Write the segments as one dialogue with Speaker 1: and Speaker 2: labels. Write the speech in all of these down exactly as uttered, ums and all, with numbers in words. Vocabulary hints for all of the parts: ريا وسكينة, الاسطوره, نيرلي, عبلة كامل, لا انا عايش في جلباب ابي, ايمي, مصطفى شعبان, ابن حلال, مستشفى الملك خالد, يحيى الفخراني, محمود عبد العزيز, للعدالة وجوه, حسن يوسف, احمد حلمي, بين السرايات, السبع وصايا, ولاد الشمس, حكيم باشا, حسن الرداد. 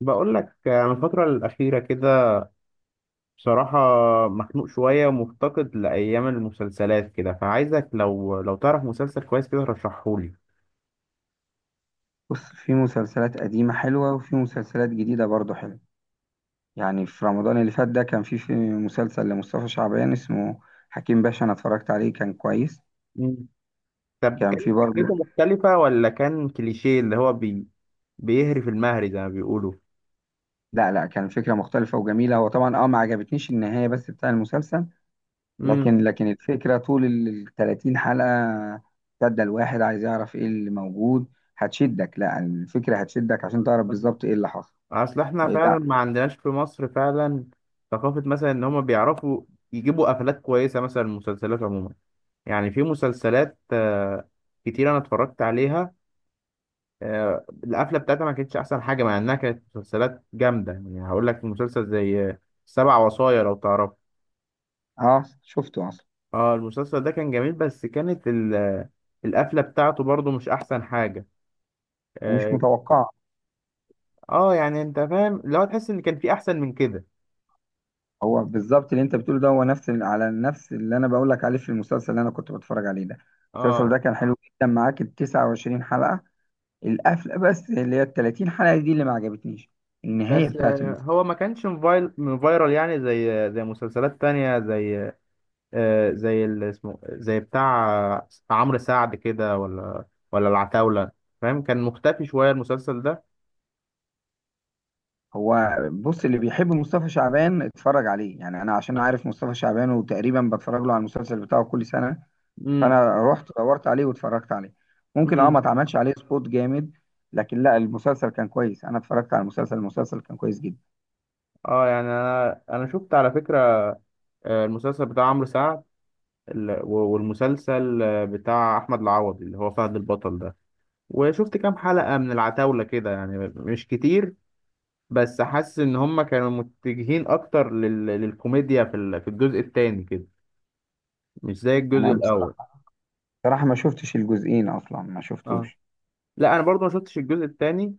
Speaker 1: بقول لك انا الفترة الأخيرة كده، بصراحة مخنوق شوية ومفتقد لأيام المسلسلات كده، فعايزك لو لو تعرف مسلسل كويس كده رشحهولي.
Speaker 2: بص في مسلسلات قديمة حلوة وفي مسلسلات جديدة برضو حلوة. يعني في رمضان اللي فات ده كان في في مسلسل لمصطفى شعبان اسمه حكيم باشا، أنا اتفرجت عليه كان كويس.
Speaker 1: مم. طب
Speaker 2: كان
Speaker 1: كانت
Speaker 2: في برضو.
Speaker 1: فكرته مختلفة ولا كان كليشيه اللي هو بي بيهري في المهري زي ما بيقولوا؟
Speaker 2: لا لا، كان فكرة مختلفة وجميلة، هو طبعا اه ما عجبتنيش النهاية بس بتاع المسلسل.
Speaker 1: امم
Speaker 2: لكن لكن الفكرة طول ال 30 حلقة شدة الواحد عايز يعرف ايه اللي موجود هتشدك، لا الفكرة هتشدك عشان تعرف بالظبط ايه اللي حصل.
Speaker 1: أصل احنا
Speaker 2: إيه، لا.
Speaker 1: فعلا ما عندناش في مصر فعلا ثقافة، مثلا إن هما بيعرفوا يجيبوا قفلات كويسة مثلا المسلسلات عموما. يعني في مسلسلات آه، كتير أنا اتفرجت عليها، آه، القفله بتاعتها ما كانتش احسن حاجه مع انها كانت مسلسلات جامده. يعني هقول لك مسلسل زي آه، سبع وصايا، لو تعرف.
Speaker 2: اه شفته اصلا.
Speaker 1: اه، المسلسل ده كان جميل، بس كانت ال- آه، القفله بتاعته برضو مش احسن حاجه.
Speaker 2: ومش
Speaker 1: اه.
Speaker 2: متوقع.
Speaker 1: آه، يعني انت فاهم، لو تحس ان كان في احسن من كده.
Speaker 2: هو بالظبط اللي انت بتقوله ده هو نفس ال- على نفس اللي انا بقول لك عليه في المسلسل اللي انا كنت بتفرج عليه ده. المسلسل
Speaker 1: اه،
Speaker 2: ده كان حلو جدا معاك ال 29 حلقة، القفلة بس اللي هي ال 30 حلقة دي اللي ما عجبتنيش، النهاية
Speaker 1: بس
Speaker 2: بتاعت
Speaker 1: آه،
Speaker 2: المسلسل.
Speaker 1: هو ما كانش موبايل فايرال يعني، زي زي مسلسلات تانية زي آه، زي اللي اسمه زي بتاع آه، عمرو سعد كده، ولا ولا العتاولة. فاهم؟ كان مختفي شوية المسلسل ده.
Speaker 2: هو بص، اللي بيحب مصطفى شعبان اتفرج عليه، يعني انا عشان عارف مصطفى شعبان وتقريبا بتفرج له على المسلسل بتاعه كل سنة.
Speaker 1: مم.
Speaker 2: فانا رحت دورت عليه واتفرجت عليه. ممكن اه ما
Speaker 1: مم.
Speaker 2: اتعملش عليه سبوت جامد، لكن لا المسلسل كان كويس، انا اتفرجت على المسلسل، المسلسل كان كويس جدا.
Speaker 1: اه، يعني انا انا شفت على فكره آه، المسلسل بتاع عمرو سعد ال- و- والمسلسل آه، بتاع احمد العوضي اللي هو فهد البطل ده، وشفت كام حلقه من العتاوله كده، يعني مش كتير. بس حاسس ان هم كانوا متجهين اكتر لل... للكوميديا في ال... في الجزء التاني كده، مش زي الجزء
Speaker 2: انا
Speaker 1: الاول.
Speaker 2: بصراحة صراحة ما شفتش الجزئين أصلا ما
Speaker 1: اه،
Speaker 2: شفتوش.
Speaker 1: لا، انا برضو ما شفتش الجزء التاني،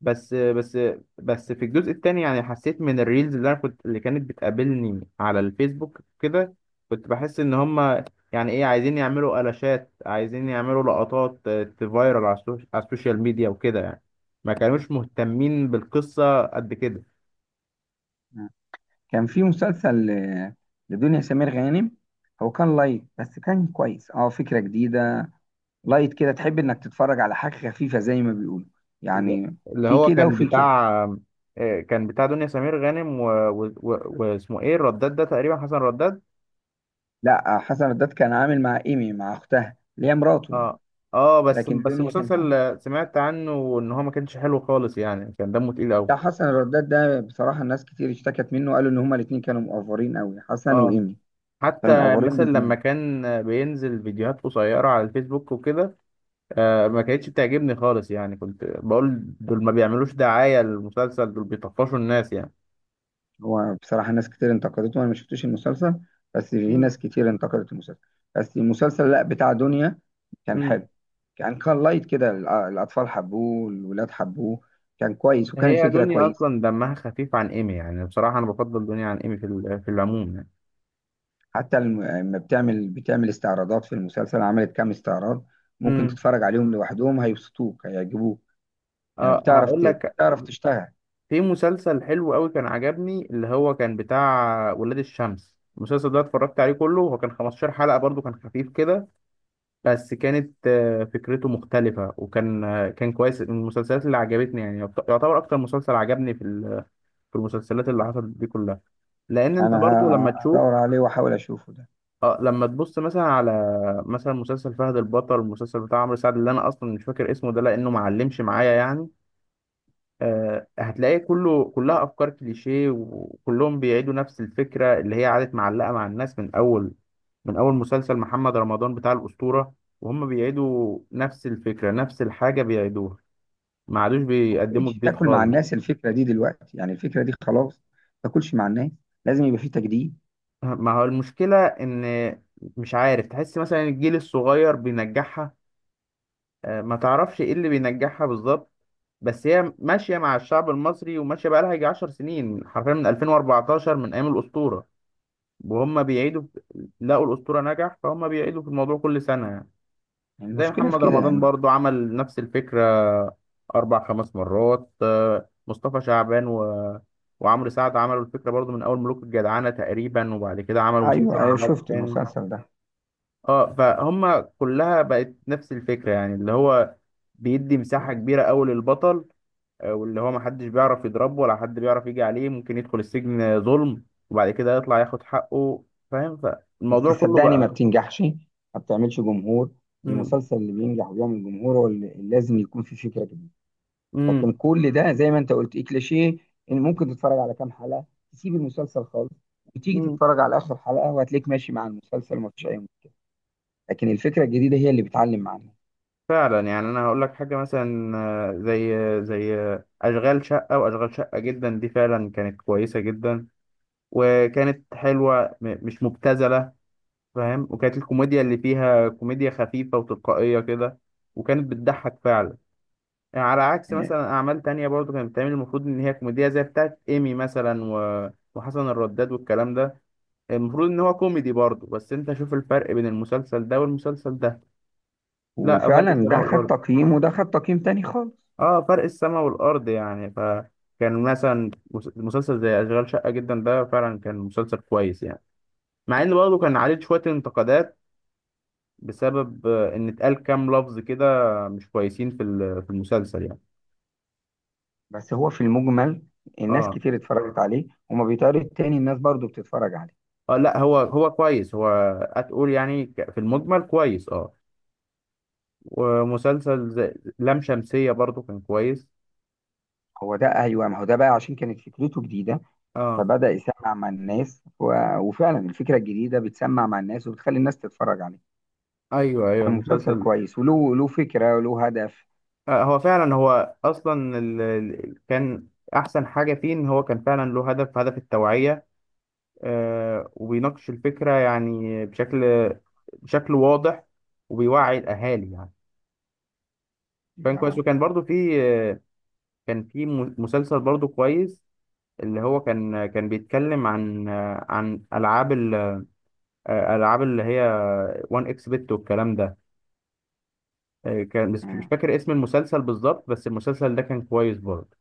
Speaker 1: بس بس بس في الجزء التاني يعني حسيت من الريلز اللي انا كنت اللي كانت بتقابلني على الفيسبوك كده. كنت بحس ان هما يعني ايه، عايزين يعملوا قلاشات، عايزين يعملوا لقطات آه، تفايرل على السوش- على السوشيال ميديا وكده يعني. ما كانوش مهتمين بالقصة قد كده.
Speaker 2: كان في مسلسل ل- لدنيا سمير غانم، هو كان لايت بس كان كويس اه فكرة جديدة. لايت كده تحب انك تتفرج على حاجة خفيفة زي ما بيقولوا
Speaker 1: اللي
Speaker 2: يعني.
Speaker 1: اللي
Speaker 2: في
Speaker 1: هو
Speaker 2: كده
Speaker 1: كان
Speaker 2: وفي كده.
Speaker 1: بتاع آه، كان بتاع دنيا سمير غانم و- و- و- واسمه ايه الرداد ده، تقريبا حسن رداد.
Speaker 2: لا حسن الرداد كان عامل مع ايمي، مع اختها اللي هي مراته يعني.
Speaker 1: اه. اه، بس
Speaker 2: لكن
Speaker 1: بس
Speaker 2: الدنيا كانت
Speaker 1: المسلسل
Speaker 2: عاملة
Speaker 1: آه، سمعت عنه ان هو ما كانش حلو خالص يعني، كان دمه تقيل قوي.
Speaker 2: بتاع حسن الرداد ده بصراحة الناس كتير اشتكت منه، قالوا ان هما الاتنين كانوا مقفرين قوي، حسن
Speaker 1: اه،
Speaker 2: وايمي
Speaker 1: حتى
Speaker 2: كانوا مقفرين
Speaker 1: مثلا لما
Speaker 2: بزيادة.
Speaker 1: كان آه، بينزل فيديوهات قصيرة على الفيسبوك وكده. آه ما كانتش بتعجبني خالص يعني، كنت بقول دول ما بيعملوش دعاية للمسلسل، دول بيطفشوا الناس يعني.
Speaker 2: هو بصراحة ناس كتير انتقدته، أنا ما شفتش المسلسل، بس في
Speaker 1: مم.
Speaker 2: ناس كتير انتقدت المسلسل. بس المسلسل لا بتاع دنيا كان
Speaker 1: مم.
Speaker 2: حلو. كان كان لايت كده، الأ- الأطفال حبوه، الولاد حبوه، كان كويس وكانت
Speaker 1: هي
Speaker 2: فكرة
Speaker 1: دنيا
Speaker 2: كويسة.
Speaker 1: اصلا دمها خفيف عن ايمي يعني، بصراحة انا بفضل دنيا عن ايمي في ال- في العموم يعني.
Speaker 2: حتى الم- لما بتعمل بتعمل استعراضات في المسلسل عملت كام استعراض ممكن
Speaker 1: مم.
Speaker 2: تتفرج عليهم لوحدهم هيبسطوك هيعجبوك. يعني
Speaker 1: اه،
Speaker 2: بتعرف
Speaker 1: هقول
Speaker 2: ت-
Speaker 1: لك،
Speaker 2: بتعرف تشتغل.
Speaker 1: في مسلسل حلو قوي كان عجبني اللي هو كان بتاع ولاد الشمس. المسلسل ده اتفرجت عليه كله، هو كان خمستاشر حلقة، برضو كان خفيف كده. بس كانت آه، فكرته مختلفة وكان آه، كان كويس من المسلسلات اللي عجبتني. يعني يعت- يعتبر أكتر مسلسل عجبني في ال- في المسلسلات اللي حصلت دي كلها. لأن أنت
Speaker 2: أنا
Speaker 1: برضو لما
Speaker 2: ه-
Speaker 1: تشوف،
Speaker 2: هدور عليه وأحاول أشوفه ده.
Speaker 1: اه، لما تبص مثلا على، مثلا مسلسل فهد البطل، المسلسل بتاع عمرو سعد اللي أنا أصلا مش فاكر اسمه ده لأنه معلمش معايا يعني. آه، هتلاقيه كله، كلها افكار كليشيه، وكلهم بيعيدوا نفس الفكره اللي هي قعدت معلقه مع الناس من اول من اول مسلسل محمد رمضان بتاع الاسطوره، وهم بيعيدوا نفس الفكره، نفس الحاجه بيعيدوها. ما عادوش
Speaker 2: ما
Speaker 1: بيقدموا
Speaker 2: بقتش
Speaker 1: جديد
Speaker 2: تاكل مع
Speaker 1: خالص.
Speaker 2: الناس الفكره دي دلوقتي، يعني الفكره دي خلاص ما تاكلش مع الناس، لازم يبقى في تجديد.
Speaker 1: ما هو المشكله ان مش عارف، تحس مثلا الجيل الصغير بينجحها. آه، ما تعرفش ايه اللي بينجحها بالظبط. بس هي ماشيه مع الشعب المصري، وماشيه بقى لها يجي عشر سنين حرفيا من ألفين واربعتاشر، من ايام الاسطوره، وهم بيعيدوا في- لقوا الأسطورة نجح، فهم بيعيدوا في الموضوع كل سنة يعني.
Speaker 2: يعني
Speaker 1: زي
Speaker 2: المشكله في
Speaker 1: محمد
Speaker 2: كده
Speaker 1: رمضان
Speaker 2: يعني.
Speaker 1: برضو عمل نفس الفكرة أربع خمس مرات. آه، مصطفى شعبان و... وعمرو سعد عملوا الفكرة برضو من أول ملوك الجدعنة تقريبا، وبعد كده عملوا
Speaker 2: ايوه
Speaker 1: مسلسل مع
Speaker 2: ايوه،
Speaker 1: بعض
Speaker 2: شفت
Speaker 1: تاني.
Speaker 2: المسلسل ده.
Speaker 1: اه، فهم كلها بقت نفس الفكرة يعني، اللي هو بيدي مساحة كبيرة أوي للبطل. آه، واللي هو محدش بيعرف يضربه، ولا حد بيعرف يجي عليه. ممكن يدخل السجن ظلم وبعد كده يطلع ياخد حقه، فاهم. ف...
Speaker 2: بس
Speaker 1: الموضوع كله
Speaker 2: صدقني ما
Speaker 1: بقى.
Speaker 2: بتنجحش، ما بتعملش جمهور.
Speaker 1: امم
Speaker 2: المسلسل اللي بينجح وبيعمل جمهور هو اللي اللي لازم يكون فيه فكره جديده.
Speaker 1: امم
Speaker 2: لكن كل ده زي ما انت قلت إيه كليشيه، ان ممكن تتفرج على كام حلقه تسيب المسلسل خالص، وتيجي
Speaker 1: امم
Speaker 2: تتفرج على اخر حلقه وهتلاقيك ماشي مع المسلسل ومفيش اي مشكله. لكن الفكره الجديده هي اللي بتعلم معانا.
Speaker 1: فعلا. يعني انا هقول لك حاجه، مثلا آه، زي زي آه، اشغال شقه واشغال شقه جدا، دي فعلا كانت كويسه جدا، وكانت حلوه، م- مش مبتذله، فاهم. وكانت الكوميديا اللي فيها كوميديا خفيفه وتلقائيه كده، وكانت بتضحك فعلا، يعني على عكس مثلا اعمال تانية برضو كانت بتعمل، المفروض ان هي كوميديا، زي بتاعت ايمي مثلا و... وحسن الرداد والكلام ده، المفروض ان هو كوميدي برضو، بس انت شوف الفرق بين المسلسل ده والمسلسل ده. لا، فرق
Speaker 2: وفعلا
Speaker 1: السماء
Speaker 2: ده خد
Speaker 1: والارض.
Speaker 2: تقييم وده خد تقييم تاني خالص.
Speaker 1: اه، فرق السما والارض يعني. فكان مثلا مس- مسلسل زي اشغال شقه جدا ده فعلا كان مسلسل كويس يعني، مع ان برضه كان عليه شويه انتقادات بسبب آه، ان اتقال كام لفظ كده مش كويسين في ال- في المسلسل يعني.
Speaker 2: بس هو في المجمل الناس
Speaker 1: اه.
Speaker 2: كتير اتفرجت عليه، وما بيتعرض تاني الناس برضو بتتفرج عليه.
Speaker 1: اه، لا، هو هو كويس. هو هتقول يعني ك- في المجمل كويس، اه. ومسلسل زي لام شمسيه برضه كان كويس.
Speaker 2: هو ده ايوه، ما هو ده بقى عشان كانت فكرته جديده،
Speaker 1: اه،
Speaker 2: فبدأ يسمع مع الناس و... وفعلا الفكره الجديده بتسمع مع الناس وبتخلي الناس تتفرج عليه.
Speaker 1: ايوه، ايوه،
Speaker 2: كان مسلسل
Speaker 1: المسلسل
Speaker 2: كويس، وله له فكره وله هدف.
Speaker 1: آه، هو فعلا، هو اصلا ال... ال- كان احسن حاجه فيه ان هو كان فعلا له هدف، هدف التوعيه. آه، وبيناقش الفكره، يعني بشكل بشكل واضح، وبيوعي الاهالي يعني. كان كويس، وكان برضو في، آه، كان في م- مسلسل برضو كويس اللي هو كان كان بيتكلم عن آه، عن العاب ال... آه، العاب اللي هي واحد اكس بت والكلام ده. آه، كان بس مش
Speaker 2: مم.
Speaker 1: فاكر اسم المسلسل بالظبط، بس المسلسل ده كان كويس برضه.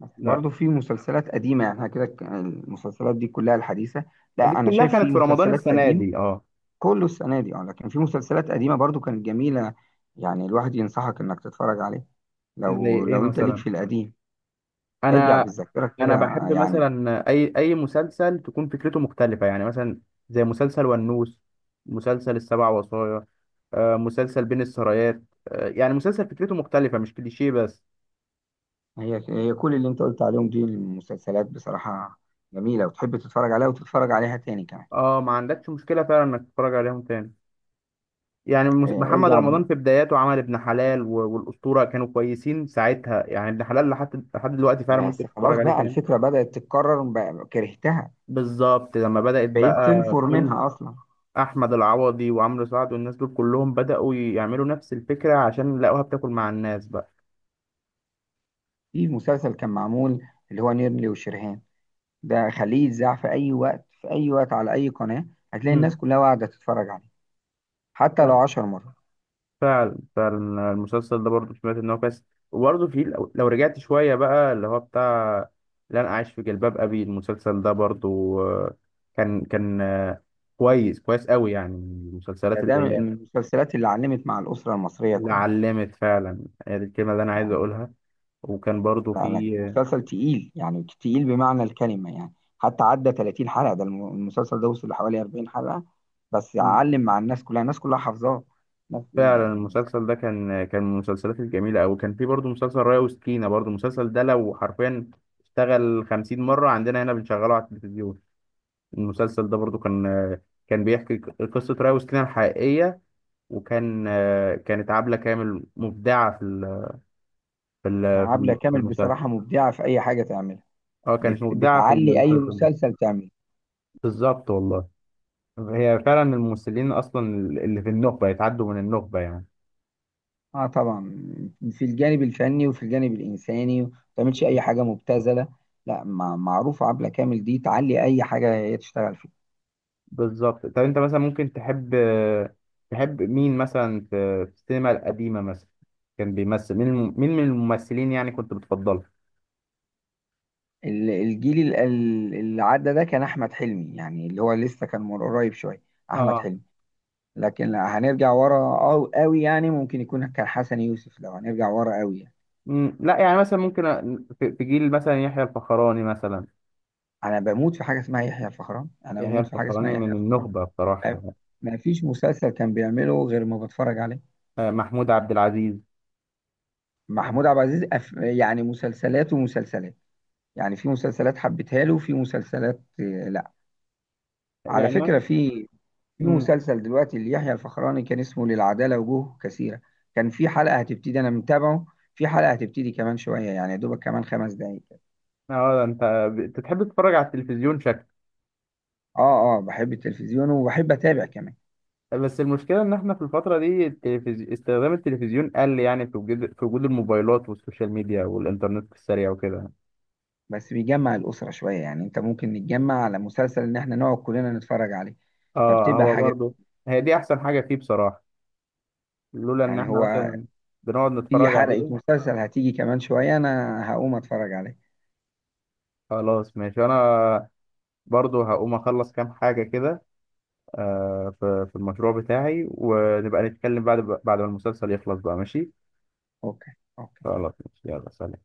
Speaker 2: بس
Speaker 1: لا،
Speaker 2: برضو في مسلسلات قديمه، يعني إحنا كده ك- المسلسلات دي كلها الحديثه.
Speaker 1: دي
Speaker 2: لا انا
Speaker 1: كلها
Speaker 2: شايف
Speaker 1: كانت
Speaker 2: في
Speaker 1: في رمضان
Speaker 2: مسلسلات
Speaker 1: السنه
Speaker 2: قديمه.
Speaker 1: دي اه.
Speaker 2: كله السنة دي اه، لكن في مسلسلات قديمة برضو كانت جميلة، يعني الواحد ينصحك انك تتفرج عليه
Speaker 1: زي
Speaker 2: لو
Speaker 1: ايه
Speaker 2: لو انت ليك
Speaker 1: مثلا؟
Speaker 2: في القديم. ارجع
Speaker 1: انا
Speaker 2: بالذاكرة كده
Speaker 1: انا بحب
Speaker 2: يعني.
Speaker 1: مثلا اي اي مسلسل تكون فكرته مختلفه، يعني مثلا زي مسلسل ونوس، مسلسل السبع وصايا، آه، مسلسل بين السرايات، آه، يعني مسلسل فكرته مختلفه، مش كليشيه بس.
Speaker 2: هي هي كل اللي انت قلت عليهم دي المسلسلات بصراحة جميلة، وتحب تتفرج عليها وتتفرج عليها تاني كمان.
Speaker 1: اه، ما عندكش مشكله فعلا انك تتفرج عليهم تاني، يعني مس-
Speaker 2: اه،
Speaker 1: محمد
Speaker 2: ارجع ب...
Speaker 1: رمضان في بداياته عمل ابن حلال و- والاسطوره، كانوا كويسين ساعتها يعني. ابن حلال لحد لحد دلوقتي فعلا ممكن
Speaker 2: بس
Speaker 1: تتفرج
Speaker 2: خلاص
Speaker 1: عليه
Speaker 2: بقى
Speaker 1: تاني.
Speaker 2: الفكرة بدأت تتكرر بقى كرهتها،
Speaker 1: بالظبط لما بدأت
Speaker 2: بقيت
Speaker 1: بقى
Speaker 2: تنفر
Speaker 1: كل
Speaker 2: منها اصلا.
Speaker 1: احمد العوضي وعمرو سعد والناس دول كلهم بدأوا يعملوا نفس الفكرة، عشان لقوها بتاكل مع الناس بقى.
Speaker 2: في مسلسل كان معمول اللي هو نيرلي وشرهان، ده خليه يتذاع في اي وقت، في اي وقت على اي قناة هتلاقي
Speaker 1: امم
Speaker 2: الناس كلها قاعدة تتفرج عليه، حتى لو عشر مرات.
Speaker 1: فعلا، فعلا. المسلسل ده برضه سمعت ان هو كويس. وبرضه في لو لو رجعت شوية بقى اللي هو بتاع لا انا عايش في جلباب ابي، المسلسل ده برضه آه، كان كان آه، كويس، كويس قوي يعني، من المسلسلات
Speaker 2: يعني ده
Speaker 1: اللي
Speaker 2: من
Speaker 1: هي
Speaker 2: من المسلسلات اللي علمت مع الأسرة المصرية
Speaker 1: اللي
Speaker 2: كلها.
Speaker 1: علمت فعلا. هي دي الكلمة اللي انا عايز
Speaker 2: يعني
Speaker 1: اقولها. وكان برضه
Speaker 2: لا لا،
Speaker 1: في
Speaker 2: مسلسل تقيل يعني تقيل بمعنى الكلمة يعني. حتى عدى 30 حلقة، ده الم- المسلسل ده وصل لحوالي 40 حلقة، بس علم مع الناس كلها، الناس كلها حافظاه ناس.
Speaker 1: فعلا. المسلسل ده كان كان من المسلسلات الجميلة أوي. كان في برضه مسلسل ريا وسكينة، برضه المسلسل ده لو حرفيا اشتغل خمسين مرة عندنا هنا بنشغله على التلفزيون. المسلسل ده برضه كان كان بيحكي قصة ريا وسكينة الحقيقية. وكان كانت عبلة كامل مبدعة في ال- في
Speaker 2: يعني
Speaker 1: ال-
Speaker 2: عبلة
Speaker 1: في
Speaker 2: كامل
Speaker 1: المسلسل.
Speaker 2: بصراحة مبدعة في أي حاجة تعملها.
Speaker 1: اه، كانت
Speaker 2: بت...
Speaker 1: مبدعة في
Speaker 2: بتعلي أي
Speaker 1: المسلسل ده.
Speaker 2: مسلسل تعمله.
Speaker 1: بالظبط والله. هي فعلا الممثلين أصلا اللي في النخبة يتعدوا من النخبة يعني.
Speaker 2: اه طبعا، في الجانب الفني وفي الجانب الإنساني ما تعملش أي حاجة مبتذلة. لا مع... معروف عبلة كامل دي تعلي أي حاجة هي تشتغل فيها.
Speaker 1: بالظبط. طب انت مثلا ممكن تحب تحب مين مثلا في في السينما القديمة مثلا، كان بيمثل؟ مين الم... مين من الممثلين يعني كنت بتفضله؟
Speaker 2: ال- الجيل ال- ال- اللي عدى ده كان احمد حلمي، يعني اللي هو لسه كان من قريب شويه، احمد
Speaker 1: اه.
Speaker 2: حلمي. لكن لا هنرجع ورا أو قوي يعني، ممكن يكون كان حسن يوسف لو هنرجع ورا قوي يعني.
Speaker 1: مم، لا، يعني مثلا ممكن أ- في في جيل مثلا يحيى الفخراني مثلا.
Speaker 2: انا بموت في حاجه اسمها يحيى الفخراني، انا
Speaker 1: يحيى
Speaker 2: بموت في حاجه اسمها
Speaker 1: الفخراني
Speaker 2: يحيى
Speaker 1: من
Speaker 2: الفخراني.
Speaker 1: النخبة بصراحة يعني.
Speaker 2: ما فيش مسلسل كان بيعمله غير ما بتفرج عليه.
Speaker 1: آه، محمود عبد العزيز.
Speaker 2: محمود
Speaker 1: آه،
Speaker 2: عبد العزيز أف... يعني مسلسلات ومسلسلات. يعني في مسلسلات حبيتها له، وفي مسلسلات آه، لا. على
Speaker 1: يعني ما-
Speaker 2: فكره في في
Speaker 1: مم،
Speaker 2: مسلسل دلوقتي ليحيى الفخراني كان اسمه للعدالة وجوه كثيرة. كان في حلقة هتبتدي أنا متابعه، في حلقة هتبتدي كمان شوية، يعني يا دوبك كمان خمس دقايق كده.
Speaker 1: اه، ده انت ب- بتحب تتفرج على التلفزيون شكل.
Speaker 2: آه آه، بحب التلفزيون وبحب أتابع كمان.
Speaker 1: بس المشكلة إن إحنا في الفترة دي التلفزي... استخدام التلفزيون قل يعني، في وجود، في وجود الموبايلات والسوشيال ميديا والإنترنت السريع وكده.
Speaker 2: بس بيجمع الأسرة شوية، يعني أنت ممكن نتجمع على مسلسل إن إحنا نقعد كلنا نتفرج عليه،
Speaker 1: اه،
Speaker 2: فبتبقى
Speaker 1: هو
Speaker 2: حاجة
Speaker 1: برضو هي دي احسن حاجه فيه بصراحه، لولا ان
Speaker 2: يعني
Speaker 1: احنا
Speaker 2: هو.
Speaker 1: مثلا بنقعد
Speaker 2: في
Speaker 1: نتفرج
Speaker 2: حلقة
Speaker 1: عليه.
Speaker 2: مسلسل هتيجي كمان شوية أنا هقوم أتفرج عليه.
Speaker 1: خلاص ماشي، انا برضو هقوم اخلص كام حاجه كده، آه في في المشروع بتاعي، ونبقى نتكلم بعد، بعد ما المسلسل يخلص بقى، ماشي.
Speaker 2: أوكي أوكي.
Speaker 1: خلاص ماشي، يلا سلام.